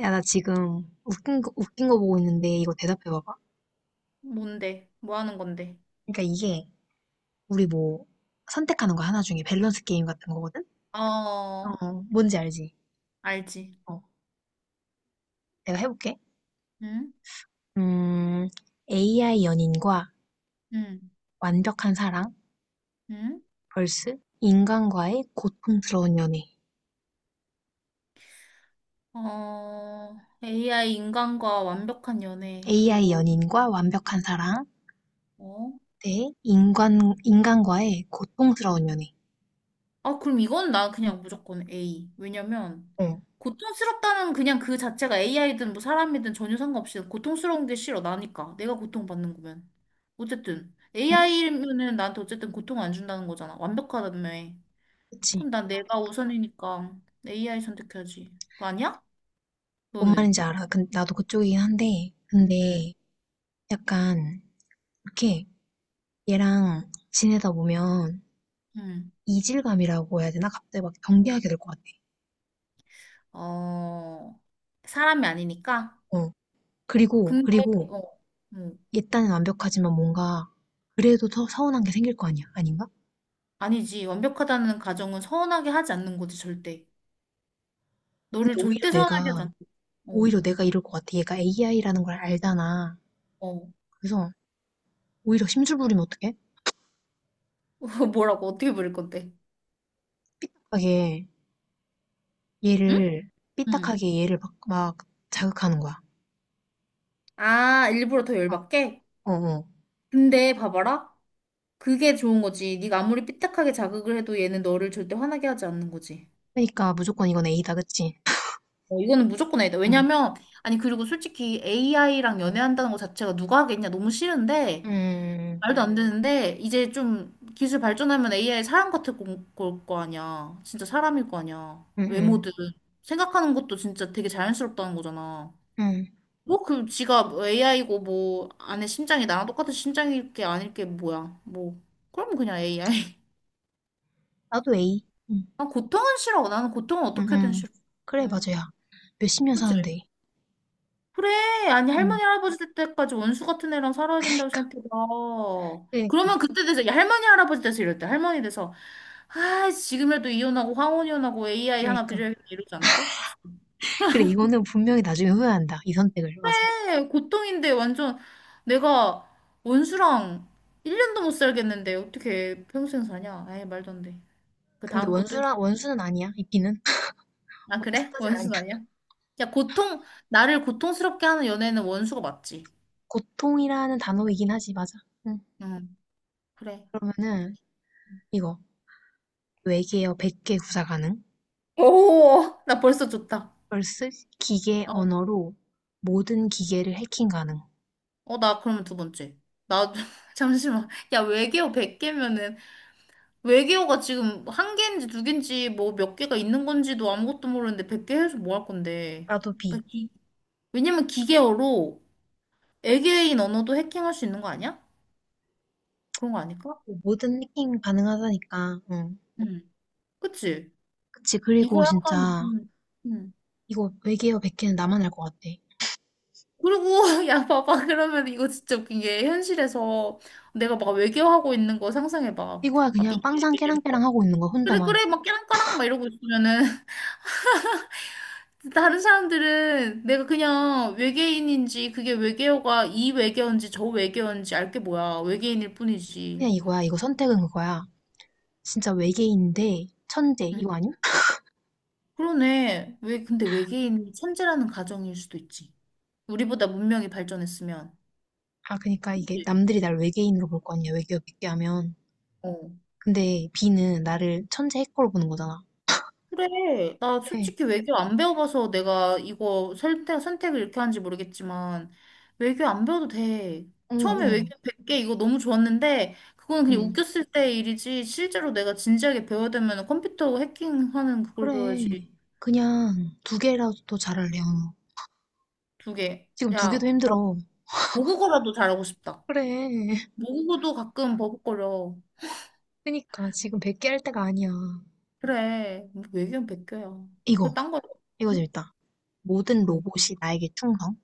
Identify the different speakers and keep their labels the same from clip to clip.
Speaker 1: 야, 나 지금 웃긴 거 보고 있는데 이거 대답해봐봐.
Speaker 2: 뭔데? 뭐 하는 건데?
Speaker 1: 그러니까 이게 우리 뭐 선택하는 거 하나 중에 밸런스 게임 같은 거거든?
Speaker 2: 어,
Speaker 1: 어, 뭔지 알지?
Speaker 2: 알지.
Speaker 1: 어, 내가 해볼게.
Speaker 2: 응?
Speaker 1: 음, AI 연인과
Speaker 2: 응?
Speaker 1: 완벽한 사랑
Speaker 2: 응?
Speaker 1: vs 인간과의 고통스러운 연애.
Speaker 2: 어, AI 인간과 완벽한 연애.
Speaker 1: AI
Speaker 2: 그리고,
Speaker 1: 연인과 완벽한 사랑
Speaker 2: 어?
Speaker 1: 대 인간과의 고통스러운 연애.
Speaker 2: 아, 그럼 이건 나 그냥 무조건 A. 왜냐면,
Speaker 1: 어,
Speaker 2: 고통스럽다는 그냥 그 자체가 AI든 뭐 사람이든 전혀 상관없이 고통스러운 게 싫어. 나니까. 내가 고통받는 거면. 어쨌든,
Speaker 1: 응?
Speaker 2: AI면은 나한테 어쨌든 고통 안 준다는 거잖아. 완벽하다며.
Speaker 1: 그치.
Speaker 2: 그럼 난 내가 우선이니까 AI 선택해야지. 그거 아니야?
Speaker 1: 뭔
Speaker 2: 너는?
Speaker 1: 말인지 알아. 근 나도 그쪽이긴 한데,
Speaker 2: 음,
Speaker 1: 근데 약간 이렇게 얘랑 지내다 보면
Speaker 2: 음.
Speaker 1: 이질감이라고 해야 되나? 갑자기 막 경계하게 될 것 같아.
Speaker 2: 어, 사람이 아니니까.
Speaker 1: 어. 그리고,
Speaker 2: 근데,
Speaker 1: 그리고
Speaker 2: 어, 음.
Speaker 1: 얘 딴엔 완벽하지만 뭔가 그래도 더 서운한 게 생길 거 아니야. 아닌가?
Speaker 2: 아니지. 완벽하다는 가정은 서운하게 하지 않는 거지, 절대.
Speaker 1: 근데
Speaker 2: 너를 절대 서운하게 하지 않는 거지.
Speaker 1: 오히려 내가 이럴 것 같아. 얘가 AI라는 걸 알잖아.
Speaker 2: 어, 어.
Speaker 1: 그래서 오히려 심술 부리면 어떡해?
Speaker 2: 뭐라고, 어떻게 부를 건데?
Speaker 1: 삐딱하게
Speaker 2: 응? 응.
Speaker 1: 삐딱하게 얘를 막, 막 자극하는 거야.
Speaker 2: 아, 일부러 더
Speaker 1: 어,
Speaker 2: 열받게?
Speaker 1: 어, 어.
Speaker 2: 근데 봐봐라. 그게 좋은 거지. 네가 아무리 삐딱하게 자극을 해도 얘는 너를 절대 화나게 하지 않는 거지.
Speaker 1: 그러니까 무조건 이건 A다, 그치?
Speaker 2: 어, 이거는 무조건 A다.
Speaker 1: 응,
Speaker 2: 왜냐면, 아니, 그리고 솔직히 AI랑 연애한다는 거 자체가 누가 하겠냐? 너무 싫은데,
Speaker 1: 응,
Speaker 2: 말도 안 되는데 이제 좀 기술 발전하면 AI 사람 같을 걸거 아니야. 진짜 사람일 거 아니야.
Speaker 1: 응, 응,
Speaker 2: 외모든 생각하는 것도 진짜 되게 자연스럽다는 거잖아.
Speaker 1: 응.
Speaker 2: 뭐 그 지가 AI고 뭐 안에 심장이 나랑 똑같은 심장일 게 아닐 게 뭐야. 뭐 그럼 그냥 AI.
Speaker 1: 나도 A. 응.
Speaker 2: 난 고통은 싫어. 나는 고통은 어떻게든
Speaker 1: 응응.
Speaker 2: 싫어.
Speaker 1: 그래,
Speaker 2: 응.
Speaker 1: 맞아야. 몇십 년
Speaker 2: 그치?
Speaker 1: 사는데.
Speaker 2: 그래. 아니,
Speaker 1: 응.
Speaker 2: 할머니, 할아버지 될 때까지 원수 같은 애랑 살아야 된다고
Speaker 1: 그니까,
Speaker 2: 생각해봐. 그러면
Speaker 1: 그니까,
Speaker 2: 그때 돼서, 야, 할머니, 할아버지 돼서 이럴 때, 할머니 돼서, 아, 지금이라도 이혼하고, 황혼 이혼하고, AI 하나
Speaker 1: 그니까.
Speaker 2: 드려야겠다, 이러지 않을까?
Speaker 1: 그래, 이거는 분명히 나중에 후회한다. 이 선택을. 맞아.
Speaker 2: 네, 고통인데, 완전, 내가 원수랑 1년도 못 살겠는데, 어떻게 평생 사냐? 에이, 말도 안 돼. 그
Speaker 1: 근데
Speaker 2: 다음 것도 있어.
Speaker 1: 원수는 아니야, 이끼는.
Speaker 2: 아,
Speaker 1: 원수
Speaker 2: 그래?
Speaker 1: 따는 아니야.
Speaker 2: 원수는 아니야? 야, 고통, 나를 고통스럽게 하는 연애는 원수가 맞지.
Speaker 1: 고통이라는 단어이긴 하지, 맞아. 응.
Speaker 2: 응, 그래.
Speaker 1: 그러면은, 이거. 외계어 100개 구사 가능.
Speaker 2: 오, 나 벌써 좋다.
Speaker 1: vs 기계
Speaker 2: 어.
Speaker 1: 언어로 모든 기계를 해킹 가능.
Speaker 2: 어, 나 그러면 두 번째. 나, 잠시만. 야, 외계어 100개면은, 외계어가 지금 한 개인지 두 개인지 뭐 몇 개가 있는 건지도 아무것도 모르는데 100개 해서 뭐 할 건데.
Speaker 1: 나도
Speaker 2: 나
Speaker 1: B.
Speaker 2: 기, 왜냐면 기계어로 외계인 언어도 해킹할 수 있는 거 아니야? 그런 거 아닐까?
Speaker 1: 뭐 모든 해킹 가능하다니까. 응.
Speaker 2: 응. 그치?
Speaker 1: 그치, 그리고
Speaker 2: 이걸 약간,
Speaker 1: 진짜,
Speaker 2: 음.
Speaker 1: 이거 외계어 100개는 나만 알 것 같아.
Speaker 2: 그리고, 야, 봐봐. 그러면 이거 진짜 웃긴 게, 현실에서 내가 막 외계어 하고 있는 거 상상해봐.
Speaker 1: 이거야
Speaker 2: 막
Speaker 1: 그냥 빵상
Speaker 2: 삐삐삐삐.
Speaker 1: 깨랑깨랑 하고 있는 거
Speaker 2: 그래,
Speaker 1: 혼자만
Speaker 2: 그래. 막 깨랑까랑 막 이러고 있으면은, 다른 사람들은 내가 그냥 외계인인지 그게 외계어가 이 외계어인지 저 외계어인지 알 게 뭐야. 외계인일 뿐이지.
Speaker 1: 그냥 이거야 이거 선택은 그거야 진짜 외계인인데 천재
Speaker 2: 응.
Speaker 1: 이거 아님?
Speaker 2: 그러네. 왜 근데 외계인이 천재라는 가정일 수도 있지. 우리보다 문명이 발전했으면.
Speaker 1: 아, 그니까 이게
Speaker 2: 그치?
Speaker 1: 남들이 날 외계인으로 볼 거 아니야. 외계어 깊게 하면
Speaker 2: 어.
Speaker 1: 근데 B는 나를 천재 해커로 보는 거잖아.
Speaker 2: 그래. 나
Speaker 1: 그래.
Speaker 2: 솔직히 외교 안 배워봐서 내가 이거 선택을 이렇게 하는지 모르겠지만, 외교 안 배워도 돼. 처음에
Speaker 1: 응
Speaker 2: 외교 100개 이거 너무 좋았는데, 그거는
Speaker 1: 응
Speaker 2: 그냥 웃겼을 때 일이지, 실제로 내가 진지하게 배워야 되면 컴퓨터 해킹하는 그걸 배워야지.
Speaker 1: 그래. 그냥 두 개라도 더 잘할래. 언우
Speaker 2: 두 개.
Speaker 1: 지금 두 개도
Speaker 2: 야, 나
Speaker 1: 힘들어.
Speaker 2: 모국어라도 잘하고 싶다.
Speaker 1: 그래.
Speaker 2: 모국어도 가끔 버벅거려.
Speaker 1: 그니까 지금 100개 할 때가 아니야.
Speaker 2: 그래. 외교는 1개야. 그거
Speaker 1: 이거
Speaker 2: 딴 거.
Speaker 1: 이거
Speaker 2: 응?
Speaker 1: 재밌다. 모든
Speaker 2: 뭐.
Speaker 1: 로봇이 나에게 충성.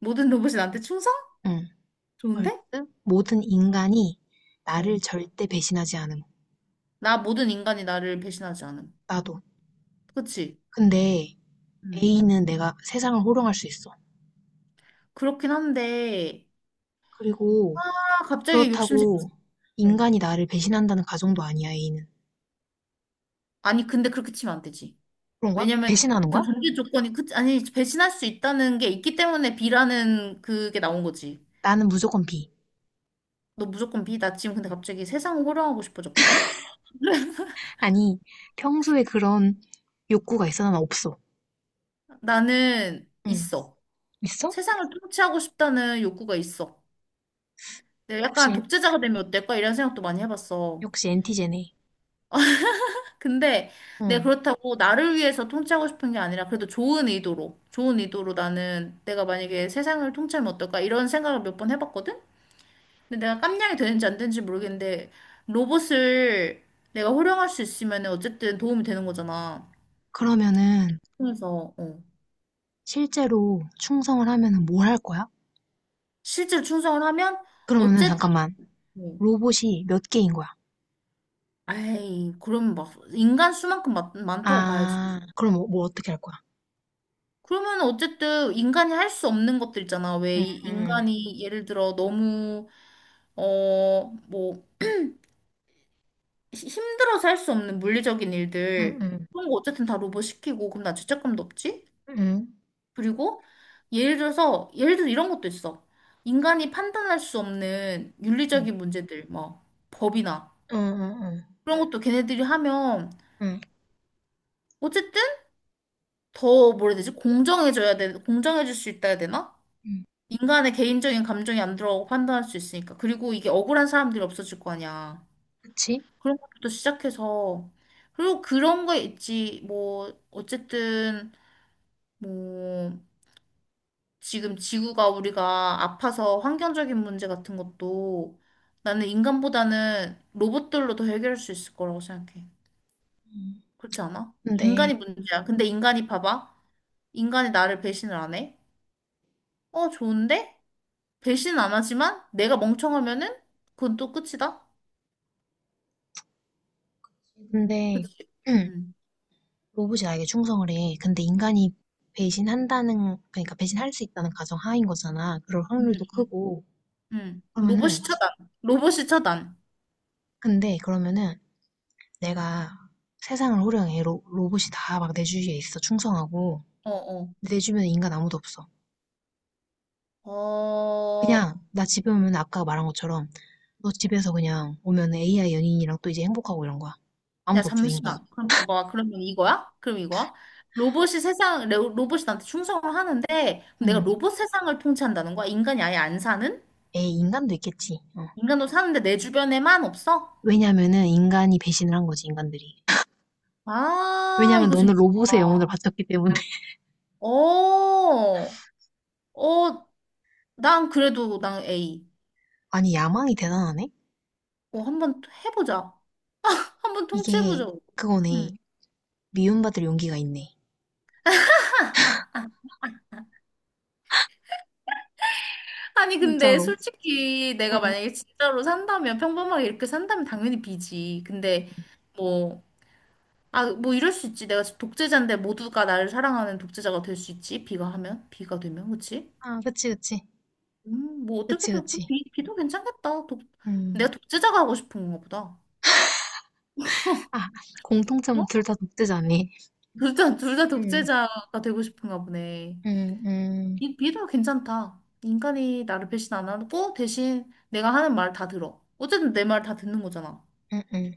Speaker 2: 모든 로봇이 나한테 충성?
Speaker 1: 응.
Speaker 2: 좋은데?
Speaker 1: 벌스 모든 인간이
Speaker 2: 어.
Speaker 1: 나를 절대 배신하지 않음.
Speaker 2: 나 모든 인간이 나를 배신하지 않음.
Speaker 1: 나도.
Speaker 2: 그치?
Speaker 1: 근데
Speaker 2: 음.
Speaker 1: A는 내가 세상을 호령할 수 있어.
Speaker 2: 그렇긴 한데,
Speaker 1: 그리고
Speaker 2: 아, 갑자기 욕심 생겼어.
Speaker 1: 그렇다고 인간이 나를 배신한다는 가정도 아니야, A는.
Speaker 2: 아니, 근데 그렇게 치면 안 되지.
Speaker 1: 그런 거야?
Speaker 2: 왜냐면
Speaker 1: 배신하는
Speaker 2: 그
Speaker 1: 거야?
Speaker 2: 전제 조건이, 그, 아니, 배신할 수 있다는 게 있기 때문에 B라는 그게 나온 거지.
Speaker 1: 나는 무조건 B.
Speaker 2: 너 무조건 B. 나 지금 근데 갑자기 세상을 호령하고 싶어졌거든?
Speaker 1: 아니, 평소에 그런 욕구가 있어? 난 없어.
Speaker 2: 나는
Speaker 1: 응.
Speaker 2: 있어.
Speaker 1: 있어?
Speaker 2: 세상을 통치하고 싶다는 욕구가 있어. 내가 약간
Speaker 1: 역시,
Speaker 2: 독재자가 되면 어떨까? 이런 생각도 많이 해봤어.
Speaker 1: 역시 엔티제네.
Speaker 2: 근데 내가
Speaker 1: 응.
Speaker 2: 그렇다고 나를 위해서 통치하고 싶은 게 아니라 그래도 좋은 의도로, 좋은 의도로 나는 내가 만약에 세상을 통치하면 어떨까 이런 생각을 몇 번 해봤거든? 근데 내가 깜냥이 되는지 안 되는지 모르겠는데 로봇을 내가 활용할 수 있으면 어쨌든 도움이 되는 거잖아.
Speaker 1: 그러면은
Speaker 2: 그래서 어.
Speaker 1: 실제로 충성을 하면은 뭘 할 거야?
Speaker 2: 실제로 충성을 하면
Speaker 1: 그러면은
Speaker 2: 어쨌든
Speaker 1: 잠깐만. 로봇이 몇 개인 거야?
Speaker 2: 아이 그럼 막 인간 수만큼 많다고
Speaker 1: 아,
Speaker 2: 봐야지.
Speaker 1: 그럼 뭐 어떻게 할 거야?
Speaker 2: 그러면 어쨌든 인간이 할 수 없는 것들 있잖아. 왜
Speaker 1: 응, 응,
Speaker 2: 인간이 예를 들어 너무 어, 뭐, 힘들어서 할 수 없는 물리적인 일들,
Speaker 1: 응,
Speaker 2: 그런 거 어쨌든 다 로봇 시키고, 그럼 나 죄책감도 없지?
Speaker 1: 응, 응,
Speaker 2: 그리고, 예를 들어서, 예를 들어 이런 것도 있어. 인간이 판단할 수 없는
Speaker 1: 응,
Speaker 2: 윤리적인 문제들, 뭐, 법이나,
Speaker 1: 응, 응,
Speaker 2: 그런 것도 걔네들이 하면,
Speaker 1: 응,
Speaker 2: 어쨌든, 더, 뭐라 해야 되지? 공정해져야 돼, 공정해질 수 있다 해야 되나?
Speaker 1: 응,
Speaker 2: 인간의 개인적인 감정이 안 들어가고 판단할 수 있으니까. 그리고 이게 억울한 사람들이 없어질 거 아니야.
Speaker 1: 그치?
Speaker 2: 그런 것부터 시작해서 그리고 그런 거 있지 뭐 어쨌든 뭐 지금 지구가 우리가 아파서 환경적인 문제 같은 것도 나는 인간보다는 로봇들로 더 해결할 수 있을 거라고 생각해.
Speaker 1: 응.
Speaker 2: 그렇지 않아? 인간이
Speaker 1: 근데,
Speaker 2: 문제야. 근데 인간이 봐봐. 인간이 나를 배신을 안 해. 어, 좋은데? 배신 안 하지만 내가 멍청하면은 그건 또 끝이다.
Speaker 1: 근데,
Speaker 2: 그치?
Speaker 1: 응,
Speaker 2: 응.
Speaker 1: 로봇이 나에게 충성을 해. 근데 인간이 배신한다는, 그러니까 배신할 수 있다는 가정 하인 거잖아. 그럴
Speaker 2: 응.
Speaker 1: 확률도
Speaker 2: 응.
Speaker 1: 크고.
Speaker 2: 응.
Speaker 1: 그러면은,
Speaker 2: 로봇이 차단. 로봇이 차단.
Speaker 1: 근데, 그러면은, 내가 세상을 호령해. 로봇이 다 막 내 주위에 있어. 충성하고.
Speaker 2: 어어.
Speaker 1: 근데 내 주변에 인간 아무도 없어.
Speaker 2: 어,
Speaker 1: 그냥 나 집에 오면 아까 말한 것처럼 너 집에서 그냥 오면 AI 연인이랑 또 이제 행복하고 이런 거야.
Speaker 2: 야,
Speaker 1: 아무도 없어, 인간.
Speaker 2: 잠시만. 그럼 봐봐. 그러면 이거야? 그럼 이거야? 로봇이 세상, 로봇이 나한테 충성을 하는데, 그럼 내가
Speaker 1: 응.
Speaker 2: 로봇 세상을 통치한다는 거야? 인간이 아예 안 사는?
Speaker 1: 에이, 인간도 있겠지. 어.
Speaker 2: 인간도 사는데 내 주변에만 없어?
Speaker 1: 왜냐면은 인간이 배신을 한 거지, 인간들이.
Speaker 2: 아,
Speaker 1: 왜냐면
Speaker 2: 이거
Speaker 1: 너는
Speaker 2: 재밌다.
Speaker 1: 로봇의 영혼을 바쳤기 때문에.
Speaker 2: 어, 어, 난 그래도 난 A.
Speaker 1: 아니, 야망이 대단하네?
Speaker 2: 어, 한번 해보자. 한번
Speaker 1: 이게
Speaker 2: 통치해보자. 음.
Speaker 1: 그거네. 미움받을 용기가 있네.
Speaker 2: 아니, 근데
Speaker 1: 진짜로.
Speaker 2: 솔직히
Speaker 1: 응.
Speaker 2: 내가 만약에 진짜로 산다면, 평범하게 이렇게 산다면 당연히 B지. 근데, 뭐, 아, 뭐 이럴 수 있지. 내가 독재자인데 모두가 나를 사랑하는 독재자가 될 수 있지. 비가 되면, 그치?
Speaker 1: 아, 그치, 그치.
Speaker 2: 뭐
Speaker 1: 그치,
Speaker 2: 어떻게든 그
Speaker 1: 그치.
Speaker 2: 비도 괜찮겠다. 내가
Speaker 1: 음.
Speaker 2: 독재자가 하고 싶은 건가 보다.
Speaker 1: 아, 공통점은
Speaker 2: 어?
Speaker 1: 둘 다 독재자네.
Speaker 2: 둘 다
Speaker 1: 응.
Speaker 2: 독재자가 되고 싶은가 보네.
Speaker 1: 응, 응,
Speaker 2: 이 비도 괜찮다. 인간이 나를 배신 안 하고 대신 내가 하는 말 다 들어. 어쨌든 내 말 다 듣는 거잖아.
Speaker 1: 응, 응.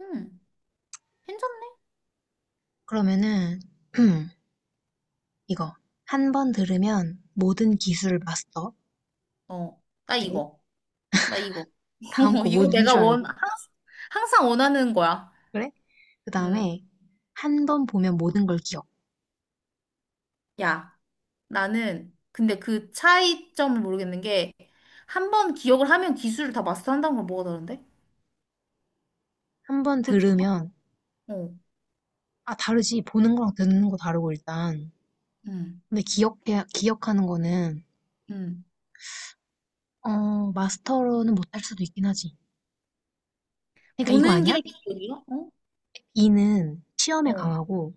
Speaker 2: 음, 괜찮네.
Speaker 1: 그러면은, 이거 한 번 들으면 모든 기술을 마스터.
Speaker 2: 어,
Speaker 1: 돼.
Speaker 2: 나 이거.
Speaker 1: 다음 거 뭔
Speaker 2: 이거 내가
Speaker 1: 줄 알고.
Speaker 2: 항상 항상 원하는 거야.
Speaker 1: 그래? 그
Speaker 2: 음,
Speaker 1: 다음에 한 번 보면 모든 걸 기억.
Speaker 2: 야. 나는 근데 그 차이점을 모르겠는 게 한 번 기억을 하면 기술을 다 마스터한다는 건 뭐가 다른데?
Speaker 1: 한 번
Speaker 2: 그렇지
Speaker 1: 들으면
Speaker 2: 않아? 어,
Speaker 1: 아, 다르지. 보는 거랑 듣는 거 다르고 일단.
Speaker 2: 음,
Speaker 1: 근데 기억해 기억하는 거는
Speaker 2: 음.
Speaker 1: 어, 마스터로는 못할 수도 있긴 하지. 그러니까 이거
Speaker 2: 보는 게
Speaker 1: 아니야?
Speaker 2: 기억이야? 어,
Speaker 1: B는 시험에
Speaker 2: 어,
Speaker 1: 강하고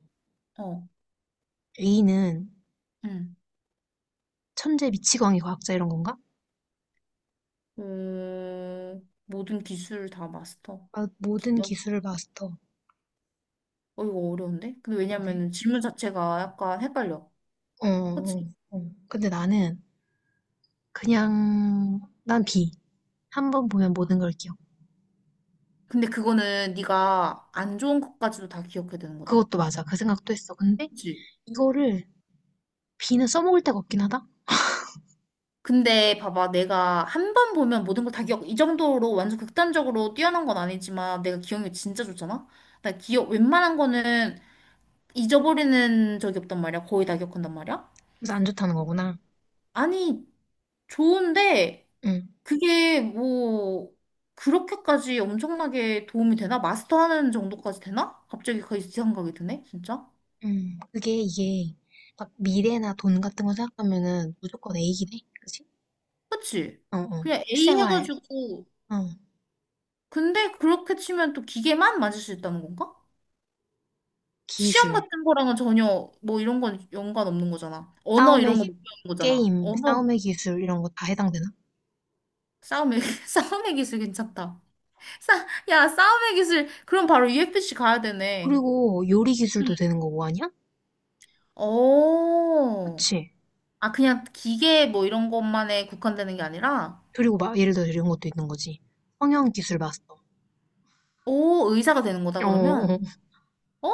Speaker 2: 어,
Speaker 1: A는
Speaker 2: 음.
Speaker 1: 천재 미치광이 과학자 이런 건가?
Speaker 2: 모든 기술을 다 마스터.
Speaker 1: 아, 모든
Speaker 2: 기억?
Speaker 1: 기술을 마스터.
Speaker 2: 어, 이거 어려운데? 근데
Speaker 1: 그러게.
Speaker 2: 왜냐면 질문 자체가 약간 헷갈려.
Speaker 1: 어,
Speaker 2: 그치?
Speaker 1: 어, 어. 근데 나는 그냥 난 비. 한 번 보면 모든 걸 기억.
Speaker 2: 근데 그거는 네가 안 좋은 것까지도 다 기억해야 되는 거다?
Speaker 1: 그것도 맞아. 그 생각도 했어. 근데
Speaker 2: 그치?
Speaker 1: 이거를 비는 써먹을 데가 없긴 하다.
Speaker 2: 근데 봐봐, 내가 한 번 보면 모든 걸 다 기억, 이 정도로 완전 극단적으로 뛰어난 건 아니지만 내가 기억력이 진짜 좋잖아? 나 기억, 웬만한 거는 잊어버리는 적이 없단 말이야. 거의 다 기억한단 말이야.
Speaker 1: 그래서 안 좋다는 거구나.
Speaker 2: 아니, 좋은데
Speaker 1: 응.
Speaker 2: 그게 뭐 그렇게까지 엄청나게 도움이 되나? 마스터하는 정도까지 되나? 갑자기 그 생각이 드네, 진짜.
Speaker 1: 음. 그게 이게 막 미래나 돈 같은 거 생각하면은 무조건 A긴 해. 그치?
Speaker 2: 그치?
Speaker 1: 어, 어.
Speaker 2: 그냥 A
Speaker 1: 실생활,
Speaker 2: 해가지고
Speaker 1: 어.
Speaker 2: 근데 그렇게 치면 또 기계만 맞을 수 있다는 건가? 시험
Speaker 1: 기술,
Speaker 2: 같은 거랑은 전혀 뭐 이런 건 연관 없는 거잖아. 언어
Speaker 1: 싸움의
Speaker 2: 이런 거
Speaker 1: 기-
Speaker 2: 못 배우는 거잖아.
Speaker 1: 게임,
Speaker 2: 언어
Speaker 1: 싸움의 기술 이런 거 다 해당되나?
Speaker 2: 싸움의 싸움의 기술 괜찮다. 야, 싸움의 기술 그럼 바로 UFC 가야 되네.
Speaker 1: 그리고 요리
Speaker 2: 응.
Speaker 1: 기술도 되는 거고 아니야?
Speaker 2: 오.
Speaker 1: 그치?
Speaker 2: 아, 그냥 기계 뭐 이런 것만에 국한되는 게 아니라
Speaker 1: 그리고 막 예를 들어 이런 것도 있는 거지. 성형 기술 마스터.
Speaker 2: 오, 의사가 되는 거다
Speaker 1: 어, 어.
Speaker 2: 그러면.
Speaker 1: 어.
Speaker 2: 오,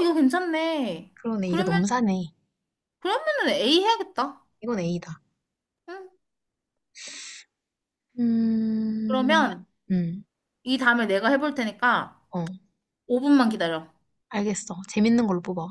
Speaker 2: 이거 괜찮네.
Speaker 1: 그러네. 이거
Speaker 2: 그러면
Speaker 1: 너무 사네.
Speaker 2: 그러면은 A 해야겠다.
Speaker 1: 이건 A다.
Speaker 2: 응.
Speaker 1: 음,
Speaker 2: 그러면
Speaker 1: 음,
Speaker 2: 이 다음에 내가 해볼 테니까
Speaker 1: 어,
Speaker 2: 5분만 기다려.
Speaker 1: 알겠어. 재밌는 걸로 뽑아.